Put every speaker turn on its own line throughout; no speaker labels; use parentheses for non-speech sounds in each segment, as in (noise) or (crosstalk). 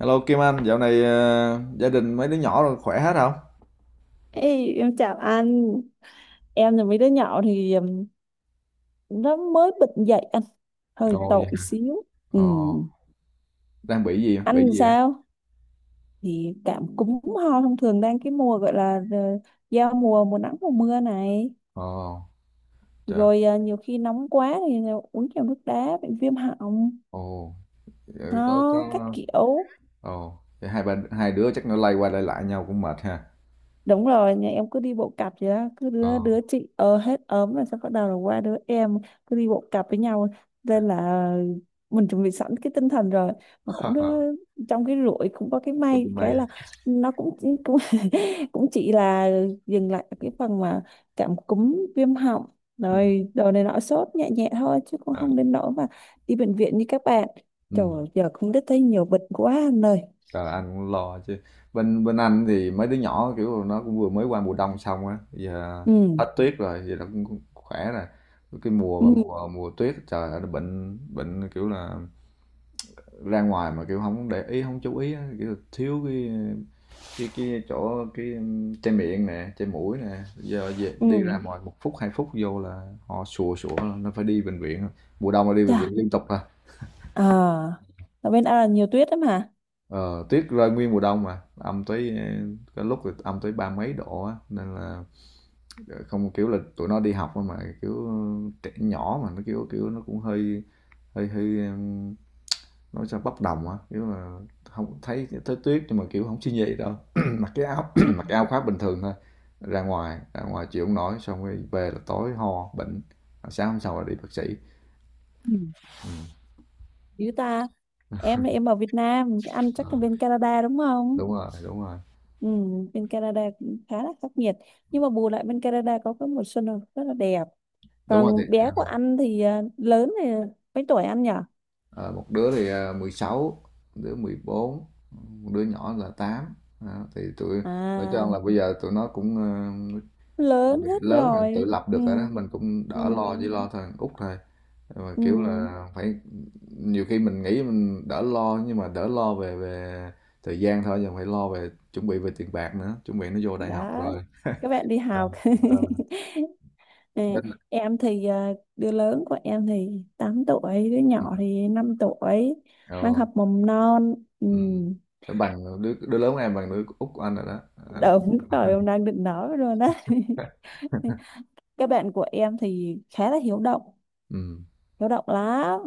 Hello Kim Anh, dạo này gia đình mấy đứa nhỏ rồi khỏe hết không?
Ê, em chào anh. Em là mấy đứa nhỏ thì nó mới bệnh dậy anh, hơi
Ồ vậy
tội
hả?
xíu. Ừ.
Ồ, đang bị gì? Bị
Anh
gì vậy?
sao thì cảm cúm ho thông thường đang cái mùa gọi là giao mùa, mùa nắng mùa mưa này.
Ồ, trời.
Rồi nhiều khi nóng quá thì uống nhiều nước đá bị viêm họng,
Ồ, vậy có
ho các
có
kiểu.
Ồ, vậy hai đứa chắc nó lay qua lay lại nhau cũng mệt ha.
Đúng rồi, nhà em cứ đi bộ cặp vậy đó, cứ
Ồ.
đứa đứa chị hết ốm là sẽ bắt đầu là qua đứa em, cứ đi bộ cặp với nhau, nên là mình chuẩn bị sẵn cái tinh thần rồi. Mà cũng
(laughs)
trong cái rủi cũng có cái
Có
may,
cái may.
cái là nó cũng cũng (laughs) cũng chỉ là dừng lại ở cái phần mà cảm cúm, viêm họng
Ừ.
rồi đồ này nọ, sốt nhẹ nhẹ thôi chứ cũng
À,
không đến nỗi mà đi bệnh viện như các bạn. Trời
ừ.
ơi, giờ cũng biết thấy nhiều bệnh quá anh ơi.
Trời anh cũng lo chứ. Bên bên anh thì mấy đứa nhỏ kiểu nó cũng vừa mới qua mùa đông xong á, giờ
Ừ.
hết tuyết rồi, giờ nó cũng cũng khỏe rồi. Cái
Ừ.
mùa mà mùa mùa tuyết trời ơi, nó bệnh bệnh kiểu là ra ngoài mà kiểu không để ý không chú ý, kiểu thiếu cái cái chỗ cái che miệng nè che mũi nè, giờ về,
Ừ.
đi ra ngoài một phút hai phút vô là họ sùa sủa nó phải đi bệnh viện, mùa đông là đi bệnh
Chà.
viện liên tục à.
À, ở bên, nhiều tuyết lắm hả?
Ờ, tuyết rơi nguyên mùa đông mà âm tới cái lúc thì âm tới ba mấy độ á, nên là không, kiểu là tụi nó đi học mà kiểu trẻ nhỏ mà nó kiểu kiểu nó cũng hơi hơi hơi nói sao bốc đồng á, kiểu là không thấy thấy tuyết nhưng mà kiểu không suy nghĩ đâu. (clears throat) (laughs) Mặc cái áo, (clears throat) (laughs) mặc cái áo khoác bình thường thôi, ra ngoài chịu không nổi, xong rồi về là tối ho bệnh, sáng hôm sau là đi bác sĩ.
Ừ.
Ừ.
Dữ ta, em ở Việt Nam, ăn chắc là bên Canada đúng không?
Đúng rồi đúng rồi.
Ừ, bên Canada cũng khá là khắc nghiệt. Nhưng mà bù lại bên Canada có cái mùa xuân là rất là đẹp.
Đúng rồi thì
Còn bé của anh thì à, lớn thì mấy tuổi anh nhỉ?
ờ, một đứa thì 16, một đứa 14, một đứa nhỏ là 8. Đó, thì tụi nói chung
À,
là bây giờ tụi nó cũng
lớn hết
lớn là tự
rồi.
lập
Ừ,
được rồi đó, mình cũng
ừ,
đỡ lo, chỉ lo thôi Út thôi, mà
ừ.
kiểu là phải, nhiều khi mình nghĩ mình đỡ lo nhưng mà đỡ lo về về thời gian thôi, giờ phải lo về chuẩn bị về tiền bạc nữa, chuẩn bị nó vô đại học
Đó,
rồi.
các bạn đi
Ờ,
học.
ờ,
(laughs) À,
đến là-
em thì à, đứa lớn của em thì 8 tuổi, đứa
ừ,
nhỏ thì 5 tuổi, đang
ờ,
học mầm non. Ừ,
ừ. Phải bằng đứa đứa lớn của em bằng đứa út của anh rồi đó. Ờ.
đúng rồi, em đang định nói rồi đó.
(laughs)
(laughs) Các bạn của em thì khá là
Ừ.
hiếu động lắm.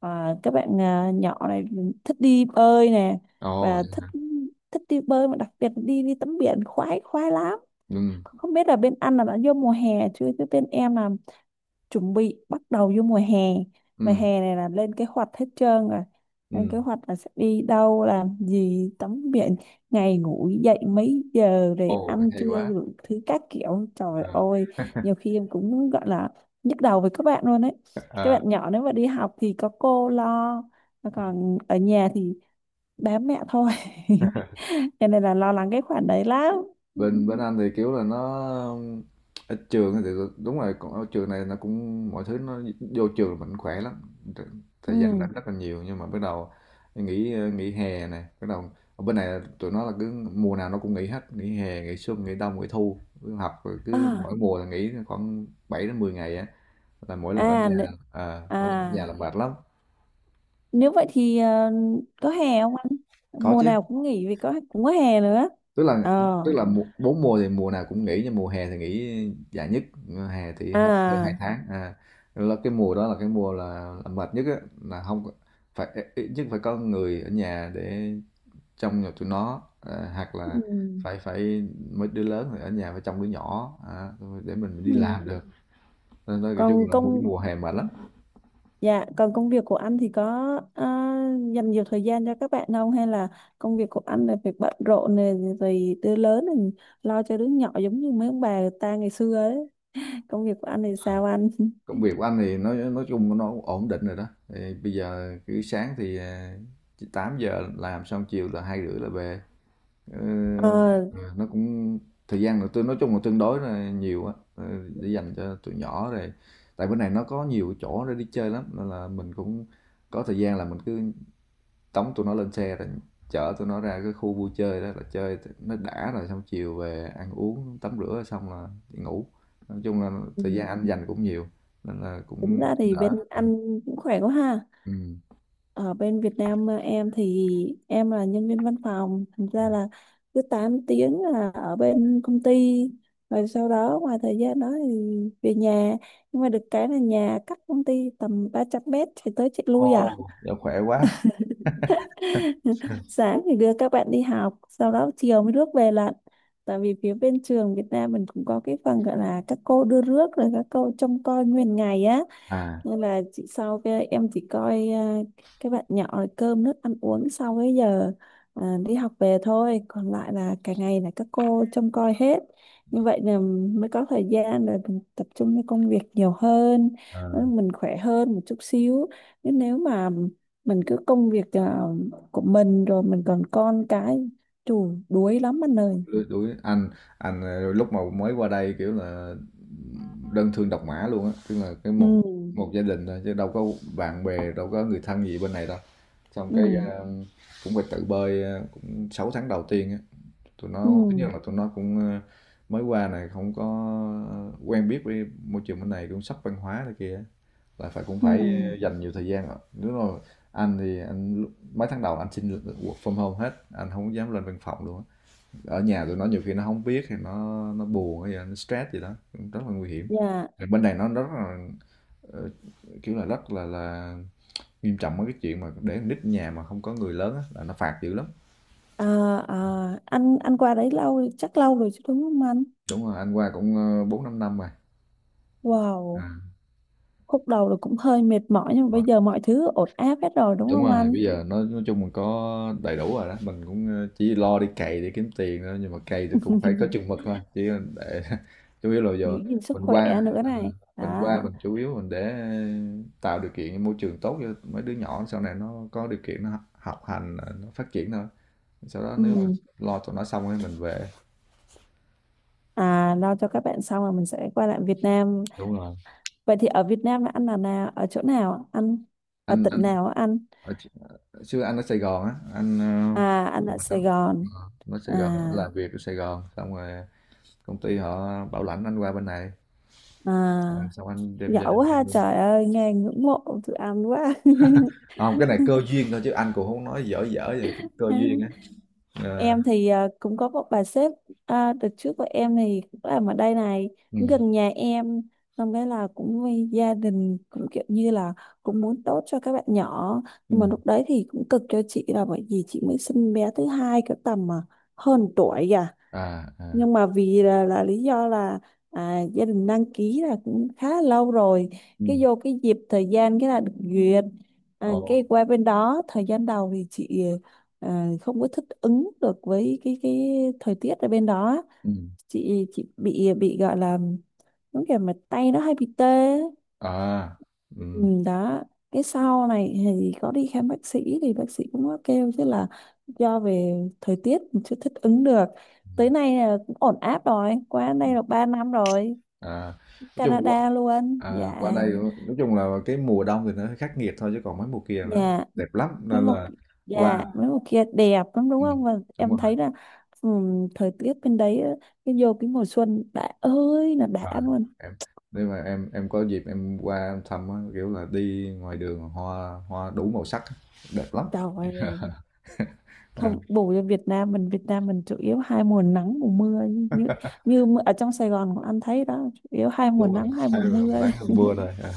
À, các bạn, nhỏ này thích đi bơi nè
Ồ.
và thích thích đi bơi, mà đặc biệt là đi đi tắm biển, khoái khoái lắm.
Ừ.
Không biết là bên anh là đã vô mùa hè chưa, chứ bên em là chuẩn bị bắt đầu vô mùa hè, và
Ừ.
hè này là lên kế hoạch hết trơn rồi, lên
Ừ.
kế hoạch là sẽ đi đâu làm gì, tắm biển, ngày ngủ dậy mấy giờ để
Ồ,
ăn
hay
trưa,
quá.
đủ thứ các kiểu, trời
Ờ.
ơi. Nhiều
(laughs)
khi em cũng gọi là nhức đầu với các bạn luôn ấy. Các bạn nhỏ nếu mà đi học thì có cô lo, mà còn ở nhà thì bám mẹ thôi.
Ờ.
(laughs) Cho nên là lo lắng cái khoản đấy lắm.
bên bên anh thì kiểu là nó ở trường thì đúng rồi, còn ở trường này nó cũng mọi thứ, nó vô trường là mình khỏe lắm,
Ừ.
thời gian làm rất là nhiều nhưng mà bắt đầu nghỉ nghỉ hè này bắt đầu, ở bên này tụi nó là cứ mùa nào nó cũng nghỉ hết: nghỉ hè, nghỉ xuân, nghỉ đông, nghỉ thu, cứ học rồi cứ
À.
mỗi mùa là nghỉ khoảng 7 đến 10 ngày á, là mỗi lần ở
À,
nhà, à, mỗi lần ở nhà
à.
là mệt lắm.
Nếu vậy thì có hè không anh?
Có
Mùa
chứ,
nào cũng nghỉ vì có, cũng có hè nữa.
tức là
Ờ.
tức là mùa- bốn mùa thì mùa nào cũng nghỉ nhưng mùa hè thì nghỉ dài nhất, hè thì hơn, hơn hai
À.
tháng à, rồi là cái mùa đó là cái mùa là mệt nhất á, là không có- phải, ít nhất phải có người ở nhà để trông nhà tụi nó à, hoặc
Ừ.
là phải phải mấy đứa lớn thì ở nhà phải trông đứa nhỏ à, để mình
Ừ.
đi làm được. Nên nói chung
Còn
là mùa
công
mùa hè mệt lắm.
Dạ, còn công việc của anh thì có ờ, dành nhiều thời gian cho các bạn không, hay là công việc của anh là việc bận rộn này rồi đứa lớn này lo cho đứa nhỏ giống như mấy ông bà người ta ngày xưa ấy? (laughs) Công việc của anh thì sao anh? (laughs)
Công việc của anh thì nói chung nó ổn định rồi đó, thì bây giờ cứ sáng thì 8 giờ làm xong chiều là 2 rưỡi là về. Ờ,
Ờ.
nó cũng, thời gian là tôi nói chung là tương đối là nhiều á, để dành cho tụi nhỏ rồi, tại bên này nó có nhiều chỗ để đi chơi lắm nên là mình cũng có thời gian là mình cứ tống tụi nó lên xe rồi chở tụi nó ra cái khu vui chơi đó là chơi nó đã, rồi xong chiều về ăn uống tắm rửa xong là đi ngủ, nói chung là
Ừ.
thời gian anh dành cũng nhiều, nên là
Tính
cũng
ra thì
đỡ.
bên anh cũng khỏe quá ha.
Ừ.
Ở bên Việt Nam, em thì em là nhân viên văn phòng, thành ra là cứ 8 tiếng là ở bên công ty, rồi sau đó ngoài thời gian đó thì về nhà, nhưng mà được cái là nhà cách công ty tầm 300 mét, chạy tới chạy lui
Ồ.
à.
Dạ, khỏe quá.
(laughs)
(laughs)
Sáng thì đưa các bạn đi học, sau đó chiều mới rước về lận, tại vì phía bên trường Việt Nam mình cũng có cái phần gọi là các cô đưa rước rồi các cô trông coi nguyên ngày á,
À,
nên là chị, sau cái em chỉ coi à, cái bạn nhỏ là cơm nước ăn uống sau cái giờ đi học về thôi, còn lại là cả ngày là các cô trông coi hết. Như vậy là mới có thời gian để mình tập trung cho công việc nhiều hơn, mình khỏe hơn một chút xíu. Nhưng nếu mà mình cứ công việc của mình rồi mình còn con cái, chù đuối lắm anh ơi.
lứa tuổi anh lúc mà mới qua đây kiểu là đơn thương độc mã luôn á, tức là cái
Ừ.
một một gia đình thôi chứ đâu có bạn bè, đâu có người thân gì bên này đâu, xong cái
Ừ.
cũng phải tự bơi, cũng 6 tháng đầu tiên á, tụi nó tất nhiên
Ừ.
là tụi nó cũng mới qua này không có quen biết với môi trường bên này, cũng sốc văn hóa này kia á, là phải cũng
Ừ.
phải dành nhiều thời gian, rồi đúng rồi, anh thì anh lúc- mấy tháng đầu anh xin work from home hết, anh không dám lên văn phòng luôn á, ở nhà tụi nó nhiều khi nó không biết thì nó buồn hay là nó stress gì đó, cũng rất là nguy hiểm.
Dạ.
Thì bên này nó rất là, ờ, kiểu là, rất là nghiêm trọng mấy cái chuyện mà để con nít nhà mà không có người lớn á là nó phạt dữ lắm.
À. À, anh qua đấy lâu, chắc lâu rồi chứ đúng không anh?
Đúng rồi, anh qua cũng, ơ, 4-5 năm năm rồi.
Wow, khúc đầu là cũng hơi mệt mỏi nhưng mà bây
Rồi,
giờ mọi thứ ổn áp hết rồi đúng
đúng
không
rồi,
anh?
bây giờ nói chung mình có đầy đủ rồi đó, mình cũng, ơ, chỉ lo đi cày để kiếm tiền thôi, nhưng mà cày thì cũng phải có chừng
(laughs)
mực thôi, chỉ, để (laughs) chủ yếu là
Giữ
giờ
gìn sức
mình
khỏe
qua
nữa này.
mình qua
Đó.
mình chủ yếu mình để tạo điều kiện môi trường tốt cho mấy đứa nhỏ sau này nó có điều kiện nó học học hành nó phát triển thôi, sau đó
Ừ.
nếu mà lo tụi nó xong rồi mình về.
À, lo cho các bạn xong là mình sẽ quay lại Việt Nam.
Đúng rồi.
Vậy thì ở Việt Nam là anh là nào? Ở chỗ nào ạ anh? Ở
anh
tỉnh
anh
nào á anh?
ở, xưa anh ở Sài Gòn á, anh
À, anh ở Sài Gòn.
nó Sài
À,
Gòn, làm việc ở Sài Gòn xong rồi công ty họ bảo lãnh anh qua bên này. Rồi
à,
xong anh đem gia
giỏi
đình
quá
đi
ha,
luôn.
trời ơi, nghe ngưỡng mộ tụi anh quá.
À, không cái này cơ duyên thôi chứ anh cũng không nói, dở dở vậy, cái cơ duyên á.
(laughs)
Ờ,
Em thì cũng có một bà sếp, đợt trước của em thì cũng làm ở đây này,
ừ,
cũng gần nhà em, xong cái là cũng vì gia đình, cũng kiểu như là cũng muốn tốt cho các bạn nhỏ.
ừ,
Nhưng mà lúc đấy thì cũng cực cho chị, là bởi vì chị mới sinh bé thứ hai cái tầm mà hơn tuổi kìa,
à à,
nhưng mà vì là lý do là gia đình đăng ký là cũng khá là lâu rồi, cái
ừ,
vô cái dịp thời gian cái là được duyệt.
ồ,
Cái qua bên đó thời gian đầu thì chị không có thích ứng được với cái thời tiết ở bên đó.
ừ.
Chị bị gọi là giống kiểu mà tay nó hay bị tê.
À,
Ừ,
ừm,
đó. Cái sau này thì có đi khám bác sĩ, thì bác sĩ cũng có kêu chứ là do về thời tiết mình chưa thích ứng được.
ừm,
Tới nay là cũng ổn áp rồi, qua đây là 3 năm rồi.
à, nói chung qua,
Canada luôn,
à,
dạ.
qua đây nói chung là cái mùa đông thì nó hơi khắc nghiệt thôi chứ còn mấy mùa kia nó
dạ
đẹp lắm
mấy
nên
một
là,
dạ
qua
mấy một kia đẹp lắm đúng
ừm,
không, và
đúng
em
rồi,
thấy là thời tiết bên đấy á, cái vô cái mùa xuân đã ơi là đã
à,
luôn,
em nếu mà em có dịp em qua em thăm á, kiểu là đi ngoài đường hoa hoa đủ màu sắc á, đẹp lắm.
trời
(laughs)
ơi.
Ờ,
Không bù cho Việt Nam mình, Việt Nam mình chủ yếu hai mùa nắng mùa mưa, như như mưa- ở trong Sài Gòn cũng anh thấy đó, chủ yếu hai mùa
đúng rồi
nắng, hai
hay
mùa
là mình
mưa
nắng
đấy.
hơn mưa thôi. Ờ.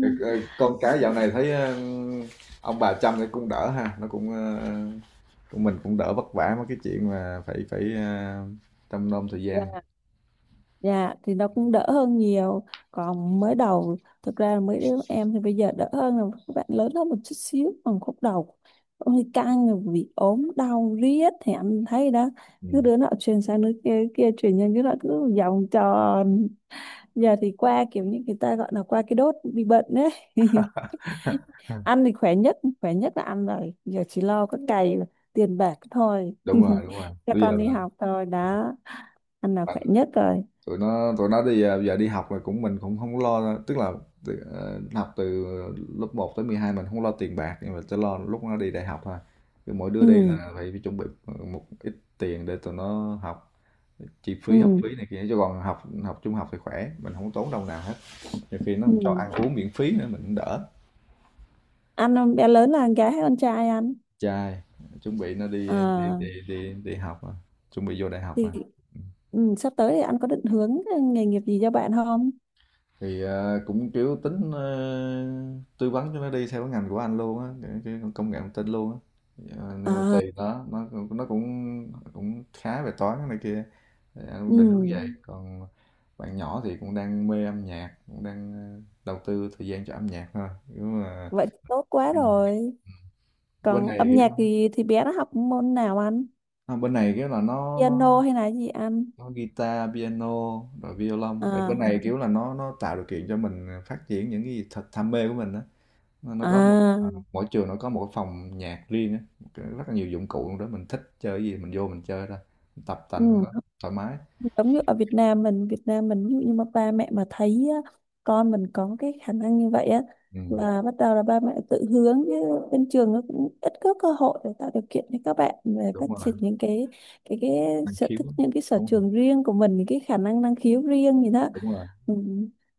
Ờ, ờ, con cái dạo này thấy ông bà chăm thì cũng đỡ ha, nó cũng của mình cũng đỡ vất vả mấy cái chuyện mà phải phải trông nom thời gian.
Dạ. Dạ thì nó cũng đỡ hơn nhiều. Còn mới đầu thực ra là mấy đứa em thì bây giờ đỡ hơn rồi, các bạn lớn hơn một chút xíu. Còn khúc đầu ôi căng, rồi bị ốm đau riết thì anh thấy đó, cứ
Ừ.
đứa nọ truyền sang đứa kia, đứa kia truyền sang đứa nọ, cứ vòng tròn. Giờ thì qua, kiểu như người ta gọi là qua cái đốt bị bệnh đấy. (laughs)
(laughs)
Ăn thì khỏe nhất, khỏe nhất là ăn rồi, giờ chỉ lo có cày tiền bạc thôi.
Đúng rồi
(laughs)
đúng rồi,
Cho
bây giờ
con đi học thôi đó, ăn là
là
khỏe nhất rồi.
tụi nó đi giờ đi học là cũng mình cũng không có lo, tức là từ, học từ lớp 1 tới 12 mình không lo tiền bạc nhưng mà chỉ lo lúc nó đi đại học thôi, cứ mỗi đứa
Ừ.
đi là phải chuẩn bị một ít tiền để tụi nó học chi phí học
Ừ.
phí này kia, chứ còn học học trung học thì khỏe, mình không tốn đồng nào hết, nhiều khi nó
Ừ.
không cho ăn uống miễn phí nữa mình cũng đỡ.
Ăn không? Bé lớn là con gái hay con trai ăn?
Trai, chuẩn bị nó đi
À,
đi học à, chuẩn bị vô đại học
thì
à.
ừ, sắp tới thì anh có định hướng nghề nghiệp gì cho bạn không?
Thì cũng kiểu tính tư vấn cho nó đi theo cái ngành của anh luôn á, cái công nghệ thông tin luôn á. Ờ, nhưng mà
À.
tùy nó, nó cũng cũng khá về toán này kia. Thì anh cũng định hướng vậy.
Ừ,
Còn bạn nhỏ thì cũng đang mê âm nhạc, cũng đang đầu tư thời gian cho âm nhạc thôi. Kiểu mà
vậy thì tốt quá rồi.
bên
Còn
này
âm
kiểu,
nhạc thì bé nó học môn nào anh?
à, bên này cái là nó
Piano
nó
hay là gì anh?
có guitar, piano, rồi violon, tại cái. Ừ. Này
À.
kiểu là nó tạo điều kiện cho mình phát triển những cái gì thật đam mê của mình á, nó có một
À.
mỗi trường nó có một cái phòng nhạc riêng á, một cái- rất là nhiều dụng cụ trong đó, mình thích chơi cái gì mình vô mình chơi thôi, mình tập tành
Ừ.
trong đó thoải mái.
Giống như ở Việt Nam mình, Việt Nam mình ví dụ như mà ba mẹ mà thấy á, con mình có cái khả năng như vậy á,
Ừ.
là bắt đầu là ba mẹ tự hướng chứ bên trường nó cũng ít có cơ hội để tạo điều kiện cho các bạn về
Đúng
phát
rồi.
triển những cái cái
Năng
sở
khiếu.
thích, những cái sở
Đúng rồi
trường riêng của mình, những cái khả năng năng khiếu riêng gì đó.
đúng rồi.
Ừ.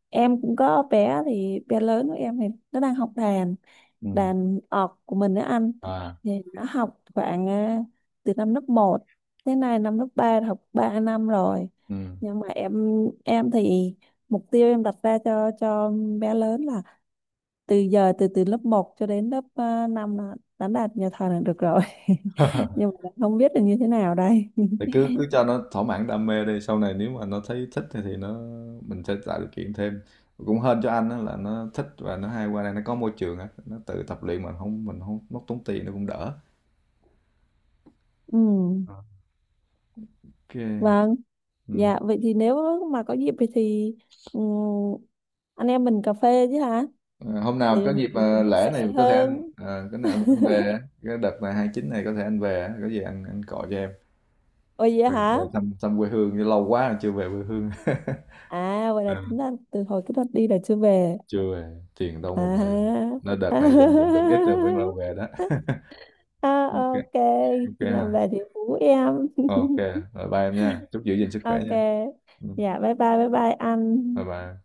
Em cũng có bé, thì bé lớn của em thì nó đang học đàn,
Ừ.
đàn ọt của mình đó anh,
À.
thì nó học khoảng từ năm lớp 1, thế này năm lớp 3, học 3 năm rồi.
Ừ.
Nhưng mà em thì mục tiêu em đặt ra cho bé lớn là từ giờ, từ từ lớp 1 cho đến lớp 5 là đánh đạt nhà thờ là được rồi. (laughs) Nhưng mà không biết là như thế nào đây.
Thì cứ cứ
(laughs)
cho nó thỏa mãn đam mê đi, sau này nếu mà nó thấy thích thì nó mình sẽ tạo điều kiện thêm, cũng hên cho anh á là nó thích và nó hay qua đây nó có môi trường á, nó tự tập luyện mà không, mình không mất tốn tiền, nó cũng đỡ.
Ừ.
Ờ. Ok.
Vâng.
Ừ.
Dạ vậy thì nếu mà có dịp thì ừ, anh em mình cà phê chứ hả?
À, hôm nào
Vậy là
có
mình
dịp,
cũng
à,
chia
lễ
sẻ
này có thể anh,
hơn.
cái này anh,
(laughs)
anh về á, cái đợt này 29 này có thể anh về á, có gì anh gọi cho em.
Ôi vậy
về,
hả?
về thăm thăm quê hương, lâu quá rồi chưa về quê hương. (laughs)
À vậy là
Ờ,
tính là từ hồi cái đợt đi là chưa về.
chưa về, tiền đâu mà về,
À.
nó đợt này dành dụm được ít rồi vẫn lâu về đó.
(laughs) À,
(laughs) Ok.
ok,
Ok
khi nào
ha.
về thì hú em.
Ok,
(laughs)
rồi bye em nha. Chúc giữ gìn sức khỏe
Ok.
nha. Ừ,
Dạ bye bye bye bye
Bye
anh.
bye.